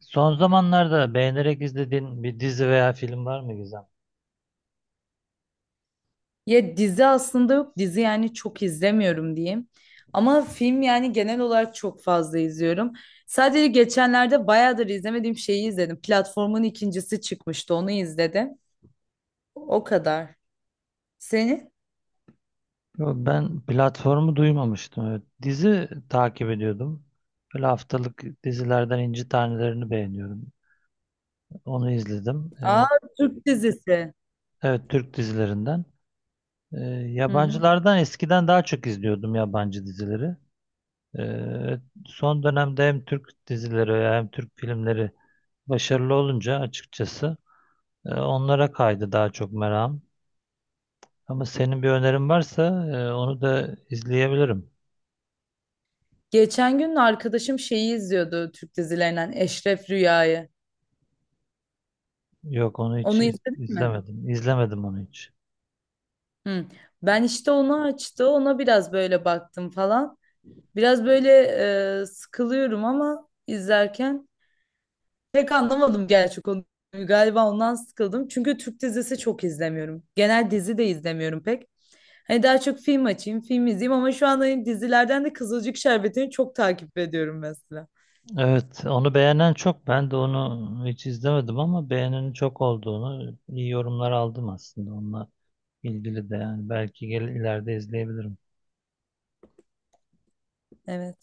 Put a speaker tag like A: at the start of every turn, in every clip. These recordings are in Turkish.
A: Son zamanlarda beğenerek izlediğin bir dizi veya film var mı, Gizem?
B: Ya dizi aslında yok. Dizi yani çok izlemiyorum diyeyim. Ama film yani genel olarak çok fazla izliyorum. Sadece geçenlerde bayağıdır izlemediğim şeyi izledim. Platformun ikincisi çıkmıştı. Onu izledim. O kadar. Seni?
A: Yo, ben platformu duymamıştım. Evet. Dizi takip ediyordum. Böyle haftalık dizilerden İnci Taneleri'ni beğeniyorum. Onu izledim.
B: Aa,
A: Ee,
B: Türk dizisi.
A: evet Türk dizilerinden. Ee,
B: Hı hı.
A: Yabancılardan eskiden daha çok izliyordum yabancı dizileri. Evet, son dönemde hem Türk dizileri hem Türk filmleri başarılı olunca açıkçası onlara kaydı daha çok merakım. Ama senin bir önerin varsa onu da izleyebilirim.
B: Geçen gün arkadaşım şeyi izliyordu, Türk dizilerinden Eşref Rüya'yı.
A: Yok, onu hiç
B: Onu izledin mi?
A: izlemedim. İzlemedim onu hiç.
B: Hı. Ben işte onu açtı. Ona biraz böyle baktım falan. Biraz böyle sıkılıyorum ama izlerken pek anlamadım gerçi konuyu. Galiba ondan sıkıldım. Çünkü Türk dizisi çok izlemiyorum. Genel dizi de izlemiyorum pek. Hani daha çok film açayım, film izleyeyim, ama şu anda hani dizilerden de Kızılcık Şerbeti'ni çok takip ediyorum mesela.
A: Evet, onu beğenen çok. Ben de onu hiç izlemedim, ama beğenenin çok olduğunu, iyi yorumlar aldım aslında onunla ilgili de, yani belki gel ileride izleyebilirim.
B: Evet.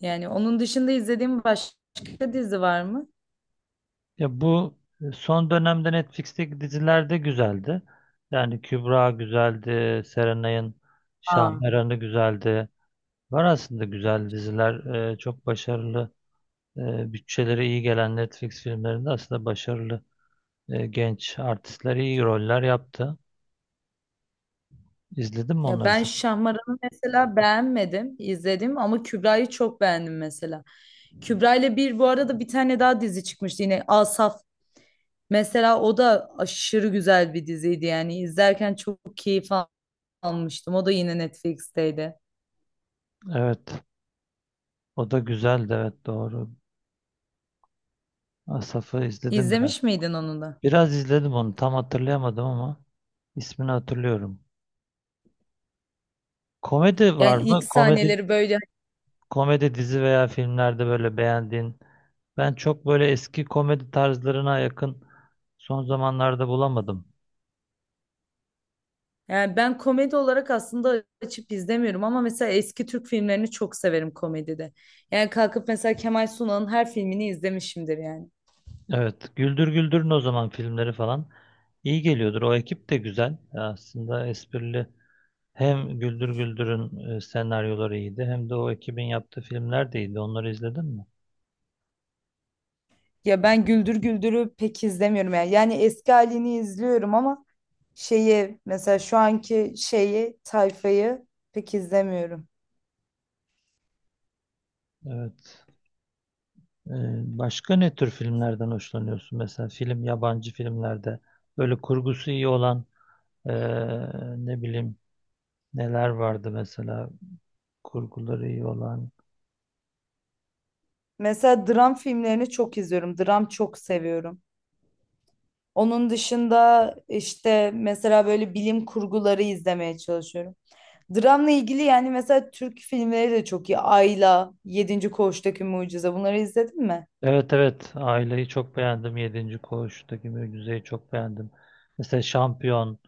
B: Yani onun dışında izlediğim başka dizi var mı?
A: Ya, bu son dönemde Netflix'teki diziler de güzeldi. Yani Kübra güzeldi, Serenay'ın
B: Aa.
A: Şahmeran'ı güzeldi. Var aslında güzel diziler, çok başarılı, bütçeleri iyi gelen Netflix filmlerinde aslında başarılı genç artistler iyi roller yaptı. İzledin mi
B: Ya
A: onları,
B: ben
A: sen?
B: Şahmaran'ı mesela beğenmedim, izledim, ama Kübra'yı çok beğendim mesela. Kübra ile bir bu arada bir tane daha dizi çıkmıştı yine, Asaf. Mesela o da aşırı güzel bir diziydi, yani izlerken çok almıştım. O da yine Netflix'teydi.
A: Evet, o da güzeldi, evet doğru. Asaf'ı izledim biraz.
B: İzlemiş miydin onu da?
A: Biraz izledim onu, tam hatırlayamadım ama ismini hatırlıyorum. Komedi var
B: Yani ilk
A: mı? Komedi
B: sahneleri böyle,
A: Komedi dizi veya filmlerde böyle beğendiğin. Ben çok böyle eski komedi tarzlarına yakın son zamanlarda bulamadım.
B: yani ben komedi olarak aslında açıp izlemiyorum, ama mesela eski Türk filmlerini çok severim komedide. Yani kalkıp mesela Kemal Sunal'ın her filmini izlemişimdir yani.
A: Evet, Güldür Güldür'ün o zaman filmleri falan iyi geliyordur. O ekip de güzel. Aslında esprili. Hem Güldür Güldür'ün senaryoları iyiydi, hem de o ekibin yaptığı filmler de iyiydi. Onları izledin mi?
B: Ya ben Güldür Güldür'ü pek izlemiyorum yani. Yani eski halini izliyorum ama şeyi, mesela şu anki şeyi, tayfayı pek izlemiyorum.
A: Evet. E, Başka ne tür filmlerden hoşlanıyorsun? Mesela film, yabancı filmlerde böyle kurgusu iyi olan, e, ne bileyim, neler vardı mesela kurguları iyi olan?
B: Mesela dram filmlerini çok izliyorum. Dram çok seviyorum. Onun dışında işte mesela böyle bilim kurguları izlemeye çalışıyorum. Dramla ilgili yani, mesela Türk filmleri de çok iyi. Ayla, Yedinci Koğuştaki Mucize, bunları izledin mi?
A: Evet, evet, aileyi çok beğendim. Yedinci Koğuş'taki Mücize'yi çok beğendim. Mesela Şampiyon,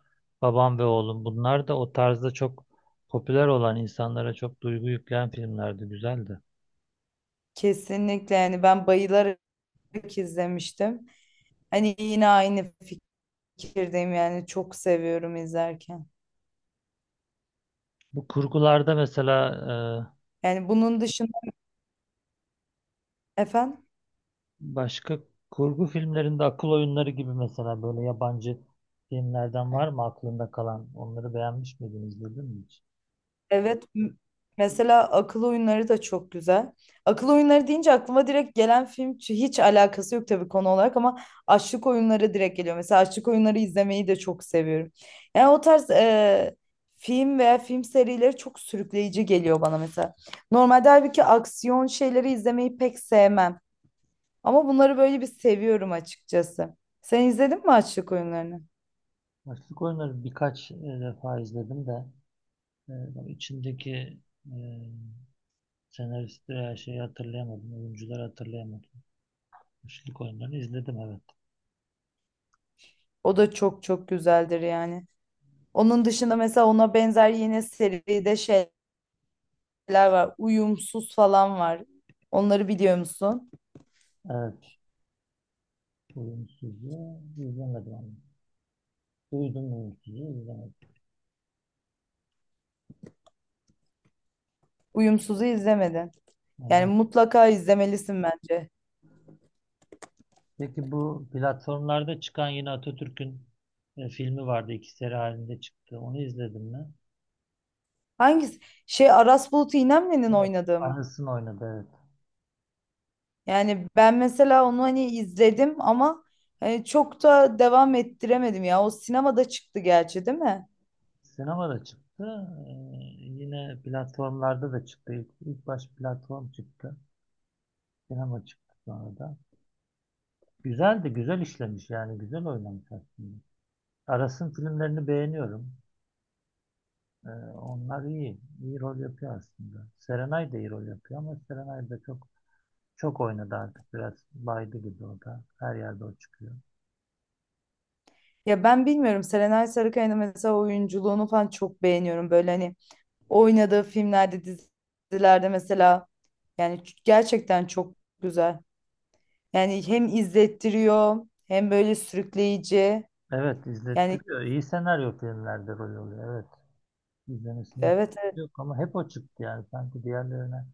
A: Babam ve Oğlum, bunlar da o tarzda çok popüler olan, insanlara çok duygu yükleyen filmlerdi. Güzeldi.
B: Kesinlikle, yani ben bayılarak izlemiştim. Hani yine aynı fikirdeyim, yani çok seviyorum izlerken.
A: Bu kurgularda mesela
B: Yani bunun dışında efendim?
A: başka kurgu filmlerinde akıl oyunları gibi, mesela böyle yabancı filmlerden var mı aklında kalan? Onları beğenmiş miydin, izledin mi hiç?
B: Evet, mesela akıl oyunları da çok güzel. Akıl oyunları deyince aklıma direkt gelen film hiç alakası yok tabii konu olarak ama açlık oyunları direkt geliyor. Mesela açlık oyunları izlemeyi de çok seviyorum. Yani o tarz film veya film serileri çok sürükleyici geliyor bana mesela. Normalde halbuki aksiyon şeyleri izlemeyi pek sevmem. Ama bunları böyle bir seviyorum açıkçası. Sen izledin mi açlık oyunlarını?
A: Açlık oyunları birkaç defa izledim de. Bak, içindeki e, senaristi, her şeyi hatırlayamadım. Oyuncuları hatırlayamadım. Üçlük oyunlarını izledim, evet.
B: O da çok çok güzeldir yani. Onun dışında mesela ona benzer yine seride şeyler var. Uyumsuz falan var. Onları biliyor musun?
A: Evet. Oyuncusuzu izlemedim ama. Duydum, oyuncusuzu izlemedim.
B: Uyumsuz'u izlemedin. Yani
A: Ama...
B: mutlaka izlemelisin bence.
A: Peki, bu platformlarda çıkan yine Atatürk'ün filmi vardı. İki seri halinde çıktı. Onu izledim mi?
B: Hangisi? Şey, Aras Bulut İynemli'nin
A: Evet.
B: oynadığı mı?
A: Anısını oynadı, evet.
B: Yani ben mesela onu hani izledim ama hani çok da devam ettiremedim ya. O sinemada çıktı gerçi, değil mi?
A: Sinemada çıktı. E, Yine platformlarda da çıktı. İlk baş platform çıktı. Sinema çıktı sonra da. Güzel de, güzel işlemiş yani, güzel oynamış aslında. Aras'ın filmlerini beğeniyorum. Ee, Onlar iyi. İyi rol yapıyor aslında. Serenay da iyi rol yapıyor, ama Serenay da çok çok oynadı artık. Biraz baydı gibi o da. Her yerde o çıkıyor.
B: Ya ben bilmiyorum, Serenay Sarıkaya'nın mesela oyunculuğunu falan çok beğeniyorum. Böyle hani oynadığı filmlerde, dizilerde mesela, yani gerçekten çok güzel. Yani hem izlettiriyor hem böyle sürükleyici.
A: Evet,
B: Yani
A: izlettiriyor. İyi senaryo filmlerde rol oluyor. Evet. İzlemesinde
B: evet,
A: sıkıntı
B: evet,
A: yok, ama hep o çıktı yani. Sanki diğerlerine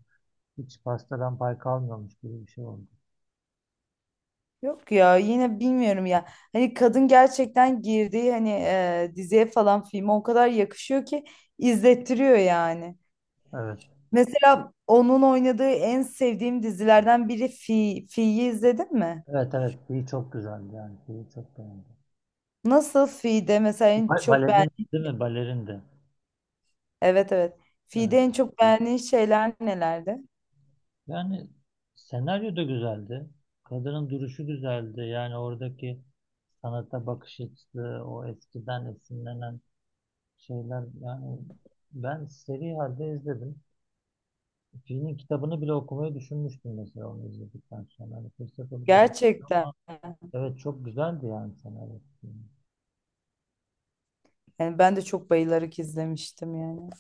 A: hiç pastadan pay kalmıyormuş gibi bir şey oldu.
B: yok ya, yine bilmiyorum ya. Hani kadın gerçekten girdiği hani diziye falan filme o kadar yakışıyor ki izlettiriyor yani.
A: Evet.
B: Mesela onun oynadığı en sevdiğim dizilerden biri Fi. Fi'yi izledin mi?
A: Evet, evet. İyi, çok güzeldi yani. İyi, çok beğendim.
B: Nasıl Fi'de mesela en çok
A: Balerin,
B: beğen.
A: değil mi? Balerin de.
B: Evet, evet. Fi'de
A: Evet.
B: en çok beğendiğin şeyler nelerdi?
A: Yani senaryo da güzeldi. Kadının duruşu güzeldi. Yani oradaki sanata bakış açısı, o eskiden esinlenen şeyler. Yani ben seri halde izledim. Filmin kitabını bile okumayı düşünmüştüm, mesela onu izledikten sonra. Hani fırsat olup.
B: Gerçekten.
A: Evet, çok güzeldi yani senaryo.
B: Yani ben de çok bayılarak izlemiştim yani.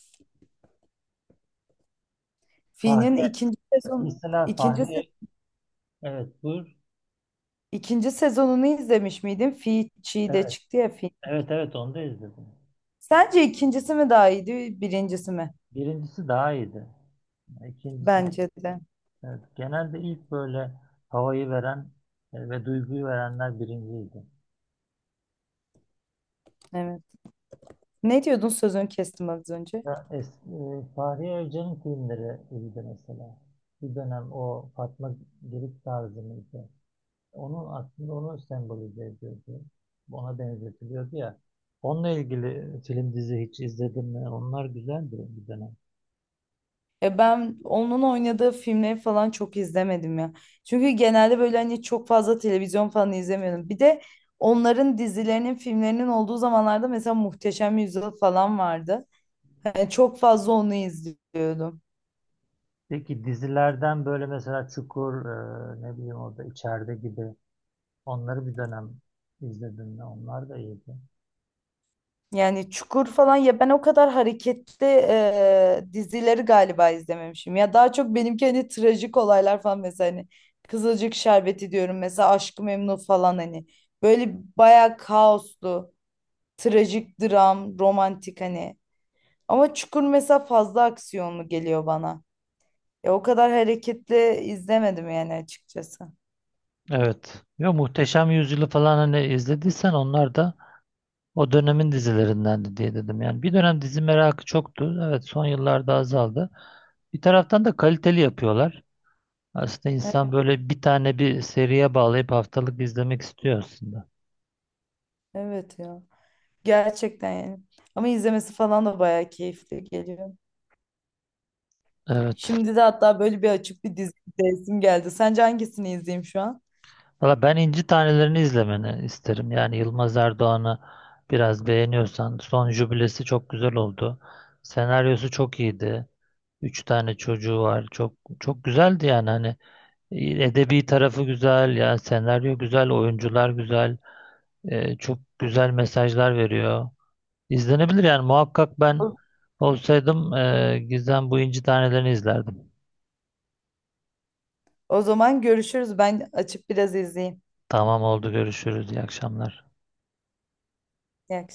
B: Fi'nin
A: Fahriye,
B: ikinci sezon
A: mesela
B: ikinci se-
A: Fahriye, evet buyur.
B: ikinci sezonunu izlemiş miydin? Fi Çiğ de
A: Evet,
B: çıktı ya, Fi.
A: evet, evet, onu da izledim.
B: Sence ikincisi mi daha iyiydi, birincisi mi?
A: Birincisi daha iyiydi. İkincisi...
B: Bence de.
A: Evet, genelde ilk böyle havayı veren ve duyguyu verenler birinciydi.
B: Evet. Ne diyordun? Sözünü kestim az önce.
A: Ya, Fahriye Evcen'in filmleri iyiydi mesela. Bir dönem o Fatma Girik tarzı mıydı? Onun aslında onu sembolize ediyordu. Ona benzetiliyordu ya. Onunla ilgili film dizi hiç izledim mi? Onlar güzeldi bir dönem.
B: E ben onun oynadığı filmleri falan çok izlemedim ya. Çünkü genelde böyle hani çok fazla televizyon falan izlemiyorum. Bir de onların dizilerinin, filmlerinin olduğu zamanlarda mesela Muhteşem Yüzyıl falan vardı. Yani çok fazla onu izliyordum.
A: Peki, dizilerden böyle mesela Çukur, ne bileyim orada içeride gibi, onları bir dönem izledim mi? Onlar da iyiydi.
B: Yani Çukur falan, ya ben o kadar hareketli dizileri galiba izlememişim. Ya daha çok benimki hani trajik olaylar falan, mesela hani Kızılcık Şerbeti diyorum mesela, Aşk-ı Memnu falan hani, böyle bayağı kaoslu, trajik dram, romantik hani. Ama Çukur mesela fazla aksiyonlu geliyor bana. Ya o kadar hareketli izlemedim yani açıkçası.
A: Evet. Ya, Muhteşem Yüzyılı falan, hani izlediysen, onlar da o dönemin dizilerindendi diye dedim. Yani bir dönem dizi merakı çoktu. Evet, son yıllarda azaldı. Bir taraftan da kaliteli yapıyorlar. Aslında
B: E-
A: insan böyle bir tane bir seriye bağlayıp haftalık izlemek istiyor aslında.
B: Evet ya. Gerçekten yani. Ama izlemesi falan da bayağı keyifli geliyor.
A: Evet.
B: Şimdi de hatta böyle bir açık bir dizi izleyesim geldi. Sence hangisini izleyeyim şu an?
A: Valla, ben İnci Taneleri'ni izlemeni isterim. Yani Yılmaz Erdoğan'ı biraz beğeniyorsan, son jübilesi çok güzel oldu. Senaryosu çok iyiydi. Üç tane çocuğu var. Çok çok güzeldi yani, hani edebi tarafı güzel yani, senaryo güzel, oyuncular güzel, çok güzel mesajlar veriyor. İzlenebilir yani, muhakkak. Ben olsaydım Gizem, bu İnci Taneleri'ni izlerdim.
B: O zaman görüşürüz. Ben açıp biraz izleyeyim.
A: Tamam, oldu, görüşürüz, iyi akşamlar.
B: İyi akşamlar.